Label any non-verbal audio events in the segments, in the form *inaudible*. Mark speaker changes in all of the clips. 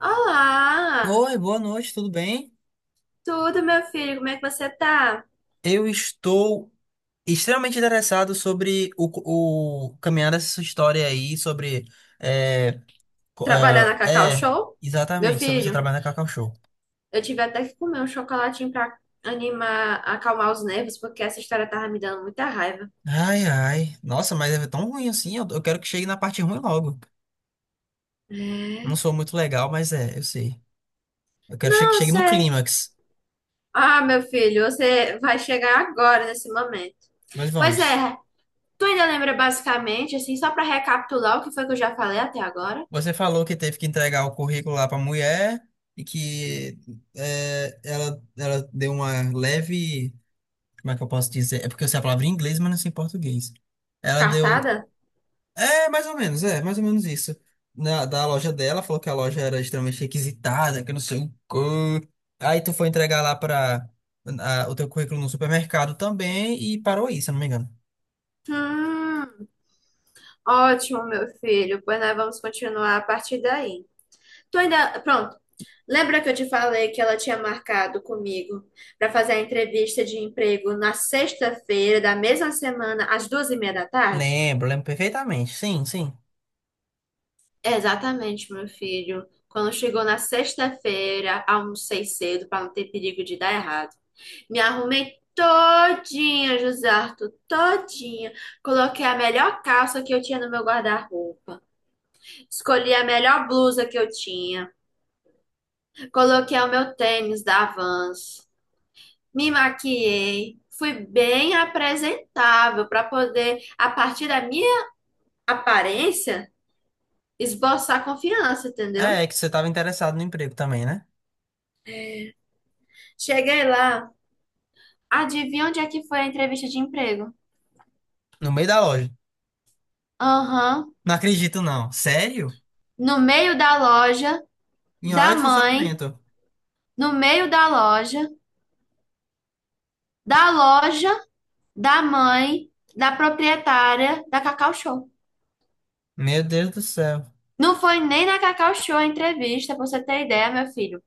Speaker 1: Olá!
Speaker 2: Oi, boa noite, tudo bem?
Speaker 1: Tudo, meu filho? Como é que você tá?
Speaker 2: Eu estou extremamente interessado sobre o caminhar dessa sua história aí, sobre. É, co-
Speaker 1: Trabalhar
Speaker 2: é,
Speaker 1: na Cacau
Speaker 2: é,
Speaker 1: Show? Meu
Speaker 2: Exatamente, sobre o seu
Speaker 1: filho,
Speaker 2: trabalho na Cacau Show.
Speaker 1: eu tive até que comer um chocolatinho pra animar, acalmar os nervos, porque essa história tava me dando muita raiva.
Speaker 2: Ai, ai. Nossa, mas é tão ruim assim? Eu quero que chegue na parte ruim logo. Não
Speaker 1: É?
Speaker 2: sou muito legal, mas é, eu sei. Eu quero que
Speaker 1: Não,
Speaker 2: chegue no
Speaker 1: você...
Speaker 2: clímax.
Speaker 1: Ah, meu filho, você vai chegar agora nesse momento.
Speaker 2: Mas
Speaker 1: Pois
Speaker 2: vamos.
Speaker 1: é, tu ainda lembra basicamente, assim, só pra recapitular o que foi que eu já falei até agora?
Speaker 2: Você falou que teve que entregar o currículo lá pra mulher e que é, ela deu uma leve. Como é que eu posso dizer? É porque eu sei a palavra em inglês, mas não sei em português. Ela deu.
Speaker 1: Cartada?
Speaker 2: É, mais ou menos, é, mais ou menos isso. Na, da loja dela, falou que a loja era extremamente requisitada, que não sei o quê. Aí tu foi entregar lá para o teu currículo no supermercado também e parou aí, se eu não me engano.
Speaker 1: Hum, Ótimo, meu filho. Pois nós vamos continuar a partir daí. Tu ainda. Pronto. Lembra que eu te falei que ela tinha marcado comigo para fazer a entrevista de emprego na sexta-feira da mesma semana, às 2h30 da tarde?
Speaker 2: Lembro, lembro perfeitamente. Sim, sim.
Speaker 1: Exatamente, meu filho. Quando chegou na sexta-feira, almocei cedo para não ter perigo de dar errado. Me arrumei todinha, José Arthur, todinha. Coloquei a melhor calça que eu tinha no meu guarda-roupa. Escolhi a melhor blusa que eu tinha. Coloquei o meu tênis da Vans. Me maquiei, fui bem apresentável para poder, a partir da minha aparência, esboçar confiança, entendeu?
Speaker 2: É, é que você estava interessado no emprego também, né?
Speaker 1: Cheguei lá, adivinha onde é que foi a entrevista de emprego?
Speaker 2: No meio da loja.
Speaker 1: Aham,
Speaker 2: Não acredito, não. Sério?
Speaker 1: no meio da loja,
Speaker 2: Em hora
Speaker 1: da
Speaker 2: de
Speaker 1: mãe,
Speaker 2: funcionamento.
Speaker 1: no meio da loja, da loja, da mãe, da proprietária da Cacau Show.
Speaker 2: Meu Deus do céu.
Speaker 1: Não foi nem na Cacau Show a entrevista, pra você ter ideia, meu filho.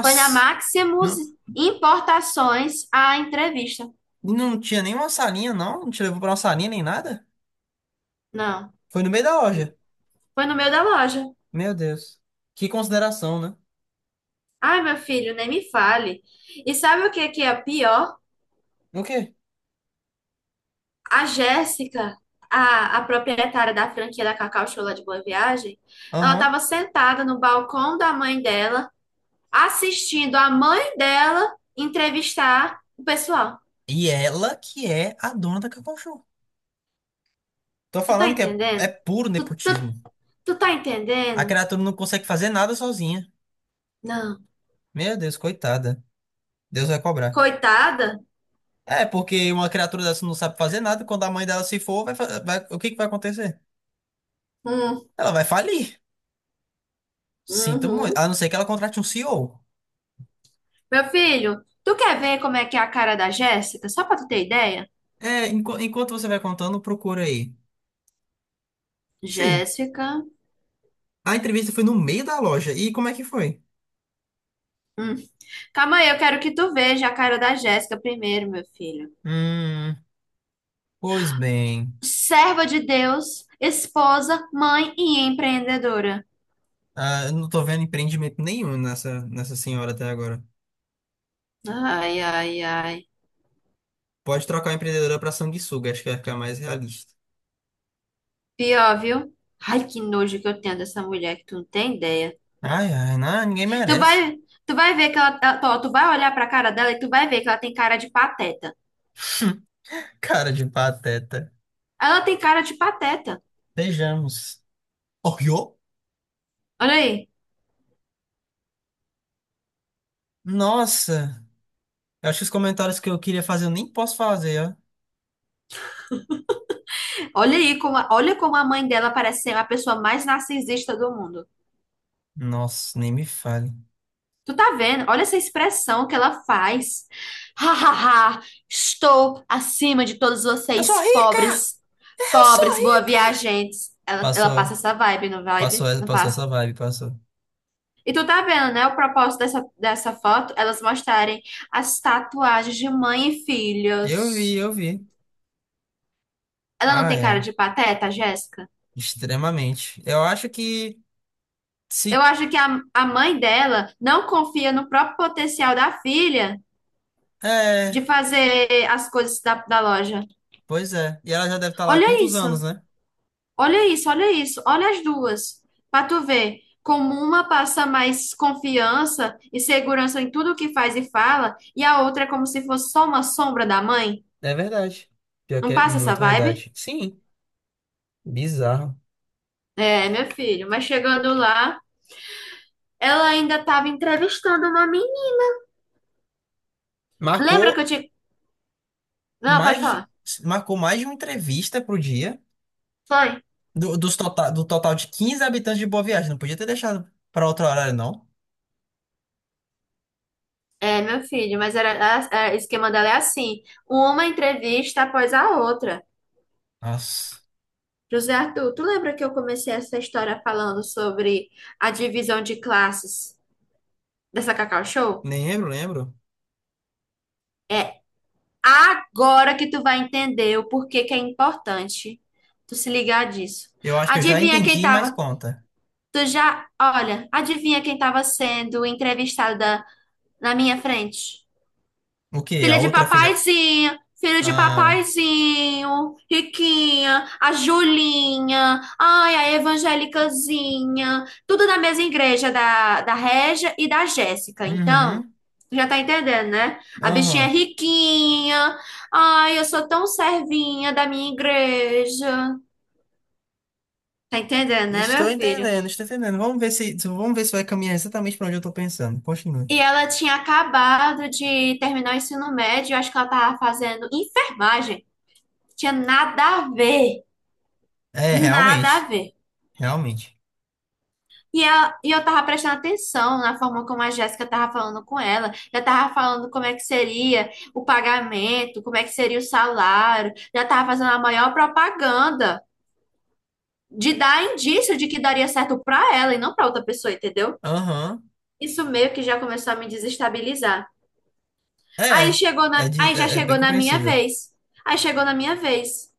Speaker 1: Foi na Maximus
Speaker 2: Não-
Speaker 1: Importações a entrevista.
Speaker 2: E não tinha nenhuma salinha, não? Não te levou pra uma salinha nem nada?
Speaker 1: Não,
Speaker 2: Foi no meio da loja.
Speaker 1: foi no meio da loja.
Speaker 2: Meu Deus. Que consideração, né?
Speaker 1: Ai, meu filho, nem me fale. E sabe o que que é pior?
Speaker 2: O quê?
Speaker 1: A Jéssica, a proprietária da franquia da Cacau Show lá de Boa Viagem, ela
Speaker 2: Aham.
Speaker 1: estava sentada no balcão da mãe dela, assistindo a mãe dela entrevistar o pessoal.
Speaker 2: E ela que é a dona da Cacau Show. Tô
Speaker 1: Tu tá
Speaker 2: falando que é
Speaker 1: entendendo?
Speaker 2: puro
Speaker 1: Tu, tu,
Speaker 2: nepotismo.
Speaker 1: tu tá
Speaker 2: A
Speaker 1: entendendo?
Speaker 2: criatura não consegue fazer nada sozinha.
Speaker 1: Não.
Speaker 2: Meu Deus, coitada. Deus vai cobrar.
Speaker 1: Coitada?
Speaker 2: É, porque uma criatura dessa não sabe fazer nada. Quando a mãe dela se for, vai, o que que vai acontecer?
Speaker 1: Hum,
Speaker 2: Ela vai falir. Sinto muito.
Speaker 1: uhum.
Speaker 2: A não ser que ela contrate um CEO.
Speaker 1: Meu filho, tu quer ver como é que é a cara da Jéssica? Só pra tu ter ideia?
Speaker 2: É, enquanto você vai contando, procura aí. Sim.
Speaker 1: Jéssica.
Speaker 2: A entrevista foi no meio da loja. E como é que foi?
Speaker 1: Hum. Calma aí, eu quero que tu veja a cara da Jéssica primeiro, meu filho.
Speaker 2: Hum, pois bem.
Speaker 1: Serva de Deus, esposa, mãe e empreendedora.
Speaker 2: Ah, eu não tô vendo empreendimento nenhum nessa senhora até agora.
Speaker 1: Ai, ai, ai.
Speaker 2: Pode trocar a empreendedora pra sanguessuga, acho que vai ficar mais realista.
Speaker 1: Pior, viu? Ai, que nojo que eu tenho dessa mulher que tu não tem ideia.
Speaker 2: Ai, ai, não, ninguém
Speaker 1: Tu vai,
Speaker 2: merece.
Speaker 1: tu vai ver que ó, tu vai olhar pra cara dela e tu vai ver que ela tem cara de pateta.
Speaker 2: Cara de pateta.
Speaker 1: Ela tem cara de pateta.
Speaker 2: Beijamos. Oreo?
Speaker 1: Olha aí.
Speaker 2: Nossa, eu acho que os comentários que eu queria fazer eu nem posso fazer, ó.
Speaker 1: Olha aí como, olha como a mãe dela parece ser a pessoa mais narcisista do mundo.
Speaker 2: Nossa, nem me fale.
Speaker 1: Tu tá vendo? Olha essa expressão que ela faz. Ha, ha, ha. Estou acima de todos
Speaker 2: Eu sou
Speaker 1: vocês,
Speaker 2: rica!
Speaker 1: pobres,
Speaker 2: Eu sou
Speaker 1: pobres, boa
Speaker 2: rica!
Speaker 1: viajantes. Ela passa
Speaker 2: Passou,
Speaker 1: essa
Speaker 2: passou,
Speaker 1: vibe? Não
Speaker 2: passou
Speaker 1: passa.
Speaker 2: essa vibe, passou.
Speaker 1: E tu tá vendo, né? O propósito dessa foto, elas mostrarem as tatuagens de mãe e
Speaker 2: Eu vi,
Speaker 1: filhos.
Speaker 2: eu vi.
Speaker 1: Ela não tem
Speaker 2: Ai,
Speaker 1: cara
Speaker 2: ai.
Speaker 1: de pateta, Jéssica?
Speaker 2: Extremamente. Eu acho que
Speaker 1: Eu
Speaker 2: se.
Speaker 1: acho que a mãe dela não confia no próprio potencial da filha de
Speaker 2: É,
Speaker 1: fazer as coisas da loja.
Speaker 2: pois é. E ela já deve estar lá há
Speaker 1: Olha
Speaker 2: quantos anos,
Speaker 1: isso,
Speaker 2: né?
Speaker 1: olha isso, olha isso, olha as duas, para tu ver como uma passa mais confiança e segurança em tudo que faz e fala, e a outra é como se fosse só uma sombra da mãe.
Speaker 2: É verdade. Pior que
Speaker 1: Não
Speaker 2: é
Speaker 1: passa essa
Speaker 2: muito
Speaker 1: vibe?
Speaker 2: verdade. Sim, bizarro.
Speaker 1: É, meu filho, mas chegando lá, ela ainda estava entrevistando uma menina. Lembra que eu
Speaker 2: Marcou
Speaker 1: te. Não, pode
Speaker 2: mais de...
Speaker 1: falar.
Speaker 2: Marcou mais de uma entrevista pro dia.
Speaker 1: Foi.
Speaker 2: Do total de 15 habitantes de Boa Viagem. Não podia ter deixado para outro horário, não.
Speaker 1: É, meu filho, mas era, o esquema dela é assim: uma entrevista após a outra.
Speaker 2: Nossa.
Speaker 1: José Arthur, tu lembra que eu comecei essa história falando sobre a divisão de classes dessa Cacau Show?
Speaker 2: Nem lembro, lembro.
Speaker 1: Agora que tu vai entender o porquê que é importante tu se ligar disso.
Speaker 2: Eu acho que eu já
Speaker 1: Adivinha quem
Speaker 2: entendi, mas
Speaker 1: tava?
Speaker 2: conta.
Speaker 1: Tu já, olha, adivinha quem tava sendo entrevistada na minha frente?
Speaker 2: O quê? A
Speaker 1: Filha de
Speaker 2: outra filha.
Speaker 1: papaizinho, filho de
Speaker 2: Ah.
Speaker 1: papaizinho, Riquinha, a Julinha, ai, a evangélicazinha, tudo da mesma igreja da Régia e da Jéssica. Então,
Speaker 2: Uhum.
Speaker 1: já tá entendendo, né? A bichinha é
Speaker 2: Aham.
Speaker 1: riquinha, ai, eu sou tão servinha da minha igreja. Tá entendendo, né,
Speaker 2: Estou
Speaker 1: meu filho?
Speaker 2: entendendo, estou entendendo. Vamos ver se vai caminhar exatamente para onde eu tô pensando. Continue.
Speaker 1: E ela tinha acabado de terminar o ensino médio, eu acho que ela tava fazendo enfermagem, tinha nada a ver.
Speaker 2: É,
Speaker 1: Nada
Speaker 2: realmente,
Speaker 1: a ver.
Speaker 2: realmente.
Speaker 1: E eu tava prestando atenção na forma como a Jéssica tava falando com ela. Já tava falando como é que seria o pagamento, como é que seria o salário. Já tava fazendo a maior propaganda de dar indício de que daria certo pra ela e não pra outra pessoa, entendeu?
Speaker 2: Aham.
Speaker 1: Isso meio que já começou a me desestabilizar. Aí
Speaker 2: É,
Speaker 1: chegou na, aí já
Speaker 2: é, é bem
Speaker 1: chegou na minha
Speaker 2: compreensível.
Speaker 1: vez. Aí chegou na minha vez.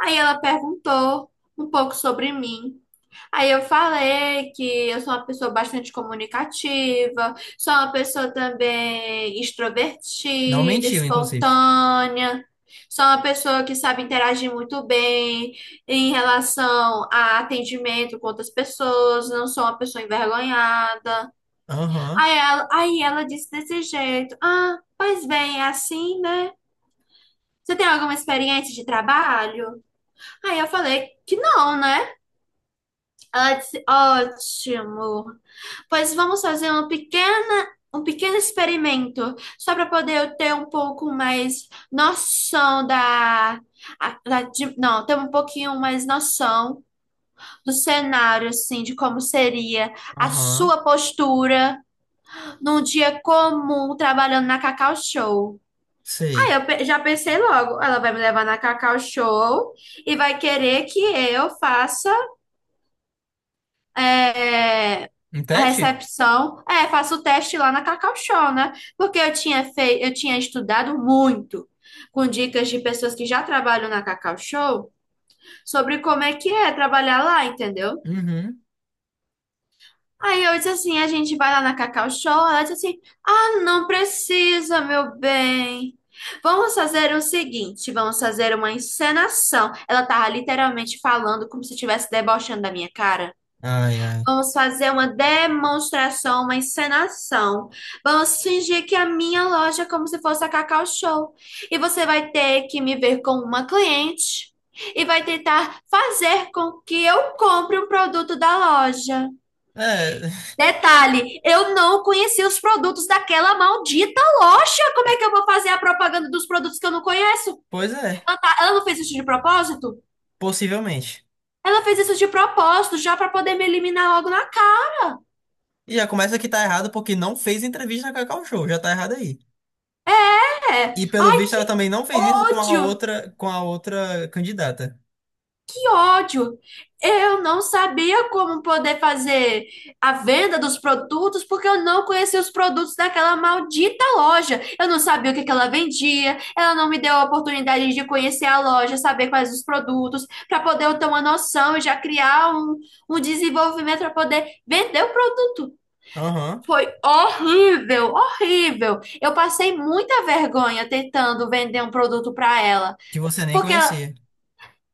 Speaker 1: Aí ela perguntou um pouco sobre mim. Aí eu falei que eu sou uma pessoa bastante comunicativa, sou uma pessoa também
Speaker 2: Não
Speaker 1: extrovertida,
Speaker 2: mentiu, inclusive.
Speaker 1: espontânea, sou uma pessoa que sabe interagir muito bem em relação a atendimento com outras pessoas, não sou uma pessoa envergonhada.
Speaker 2: Aham,
Speaker 1: Aí ela disse desse jeito: Ah, pois bem, é assim, né? Você tem alguma experiência de trabalho? Aí eu falei que não, né? Ela disse, ótimo. Pois vamos fazer um pequeno experimento, só para poder eu ter um pouco mais noção da, não, ter um pouquinho mais noção do cenário, assim, de como seria a
Speaker 2: aham.
Speaker 1: sua postura num dia comum trabalhando na Cacau Show. Aí
Speaker 2: Sei.
Speaker 1: eu já pensei logo, ela vai me levar na Cacau Show e vai querer que eu faça é,
Speaker 2: Um
Speaker 1: a
Speaker 2: teste?
Speaker 1: recepção. É, faço o teste lá na Cacau Show, né? Porque eu tinha feito, eu tinha estudado muito com dicas de pessoas que já trabalham na Cacau Show sobre como é que é trabalhar lá, entendeu?
Speaker 2: Uhum.
Speaker 1: Aí eu disse assim, a gente vai lá na Cacau Show, ela disse assim, ah, não precisa, meu bem. Vamos fazer o seguinte, vamos fazer uma encenação. Ela tava literalmente falando como se estivesse debochando da minha cara.
Speaker 2: Ai, ai.
Speaker 1: Vamos fazer uma demonstração, uma encenação. Vamos fingir que a minha loja é como se fosse a Cacau Show. E você vai ter que me ver como uma cliente e vai tentar fazer com que eu compre um produto da loja.
Speaker 2: É, *laughs*
Speaker 1: Detalhe, eu não conheci os produtos daquela maldita loja. Como é que eu vou fazer a propaganda dos produtos que eu não conheço?
Speaker 2: pois é,
Speaker 1: Ela não fez isso de propósito?
Speaker 2: possivelmente.
Speaker 1: Ela fez isso de propósito, já para poder me eliminar logo na
Speaker 2: E já começa que tá errado porque não fez entrevista com a Cacau Show, já tá errado aí.
Speaker 1: É.
Speaker 2: E pelo
Speaker 1: Ai,
Speaker 2: visto ela
Speaker 1: que
Speaker 2: também não fez isso
Speaker 1: ódio,
Speaker 2: com a outra candidata.
Speaker 1: que ódio. Eu não sabia como poder fazer a venda dos produtos porque eu não conhecia os produtos daquela maldita loja. Eu não sabia o que que ela vendia. Ela não me deu a oportunidade de conhecer a loja, saber quais os produtos, para poder eu ter uma noção e já criar um, um desenvolvimento para poder vender o produto.
Speaker 2: Aham.
Speaker 1: Foi horrível, horrível. Eu passei muita vergonha tentando vender um produto para ela.
Speaker 2: Que você nem
Speaker 1: Porque ela-
Speaker 2: conhecia.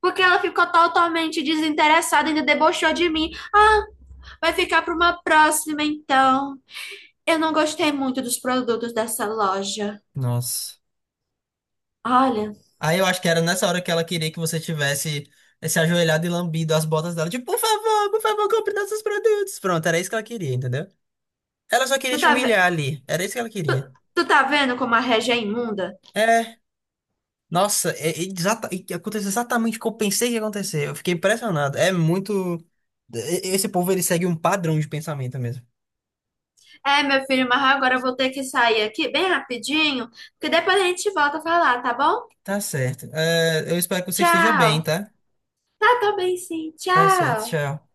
Speaker 1: Porque ela ficou totalmente desinteressada, ainda debochou de mim. Ah, vai ficar para uma próxima então. Eu não gostei muito dos produtos dessa loja.
Speaker 2: Nossa.
Speaker 1: Olha,
Speaker 2: Aí eu acho que era nessa hora que ela queria que você tivesse se ajoelhado e lambido as botas dela. Tipo, por favor, compre nossos produtos. Pronto, era isso que ela queria, entendeu? Ela só queria
Speaker 1: tu
Speaker 2: te
Speaker 1: tá, ve-
Speaker 2: humilhar ali. Era isso que ela queria.
Speaker 1: tu tá vendo como a Regia é imunda?
Speaker 2: É. Nossa, e que aconteceu exatamente o que eu pensei que ia acontecer. Eu fiquei impressionado. É muito. Esse povo, ele segue um padrão de pensamento mesmo.
Speaker 1: É, meu filho, mas agora eu vou ter que sair aqui bem rapidinho, porque depois a gente volta a falar, tá bom?
Speaker 2: Tá certo. É, eu espero que você esteja bem,
Speaker 1: Tchau.
Speaker 2: tá?
Speaker 1: Tá, tô bem sim.
Speaker 2: Tá certo.
Speaker 1: Tchau.
Speaker 2: Tchau.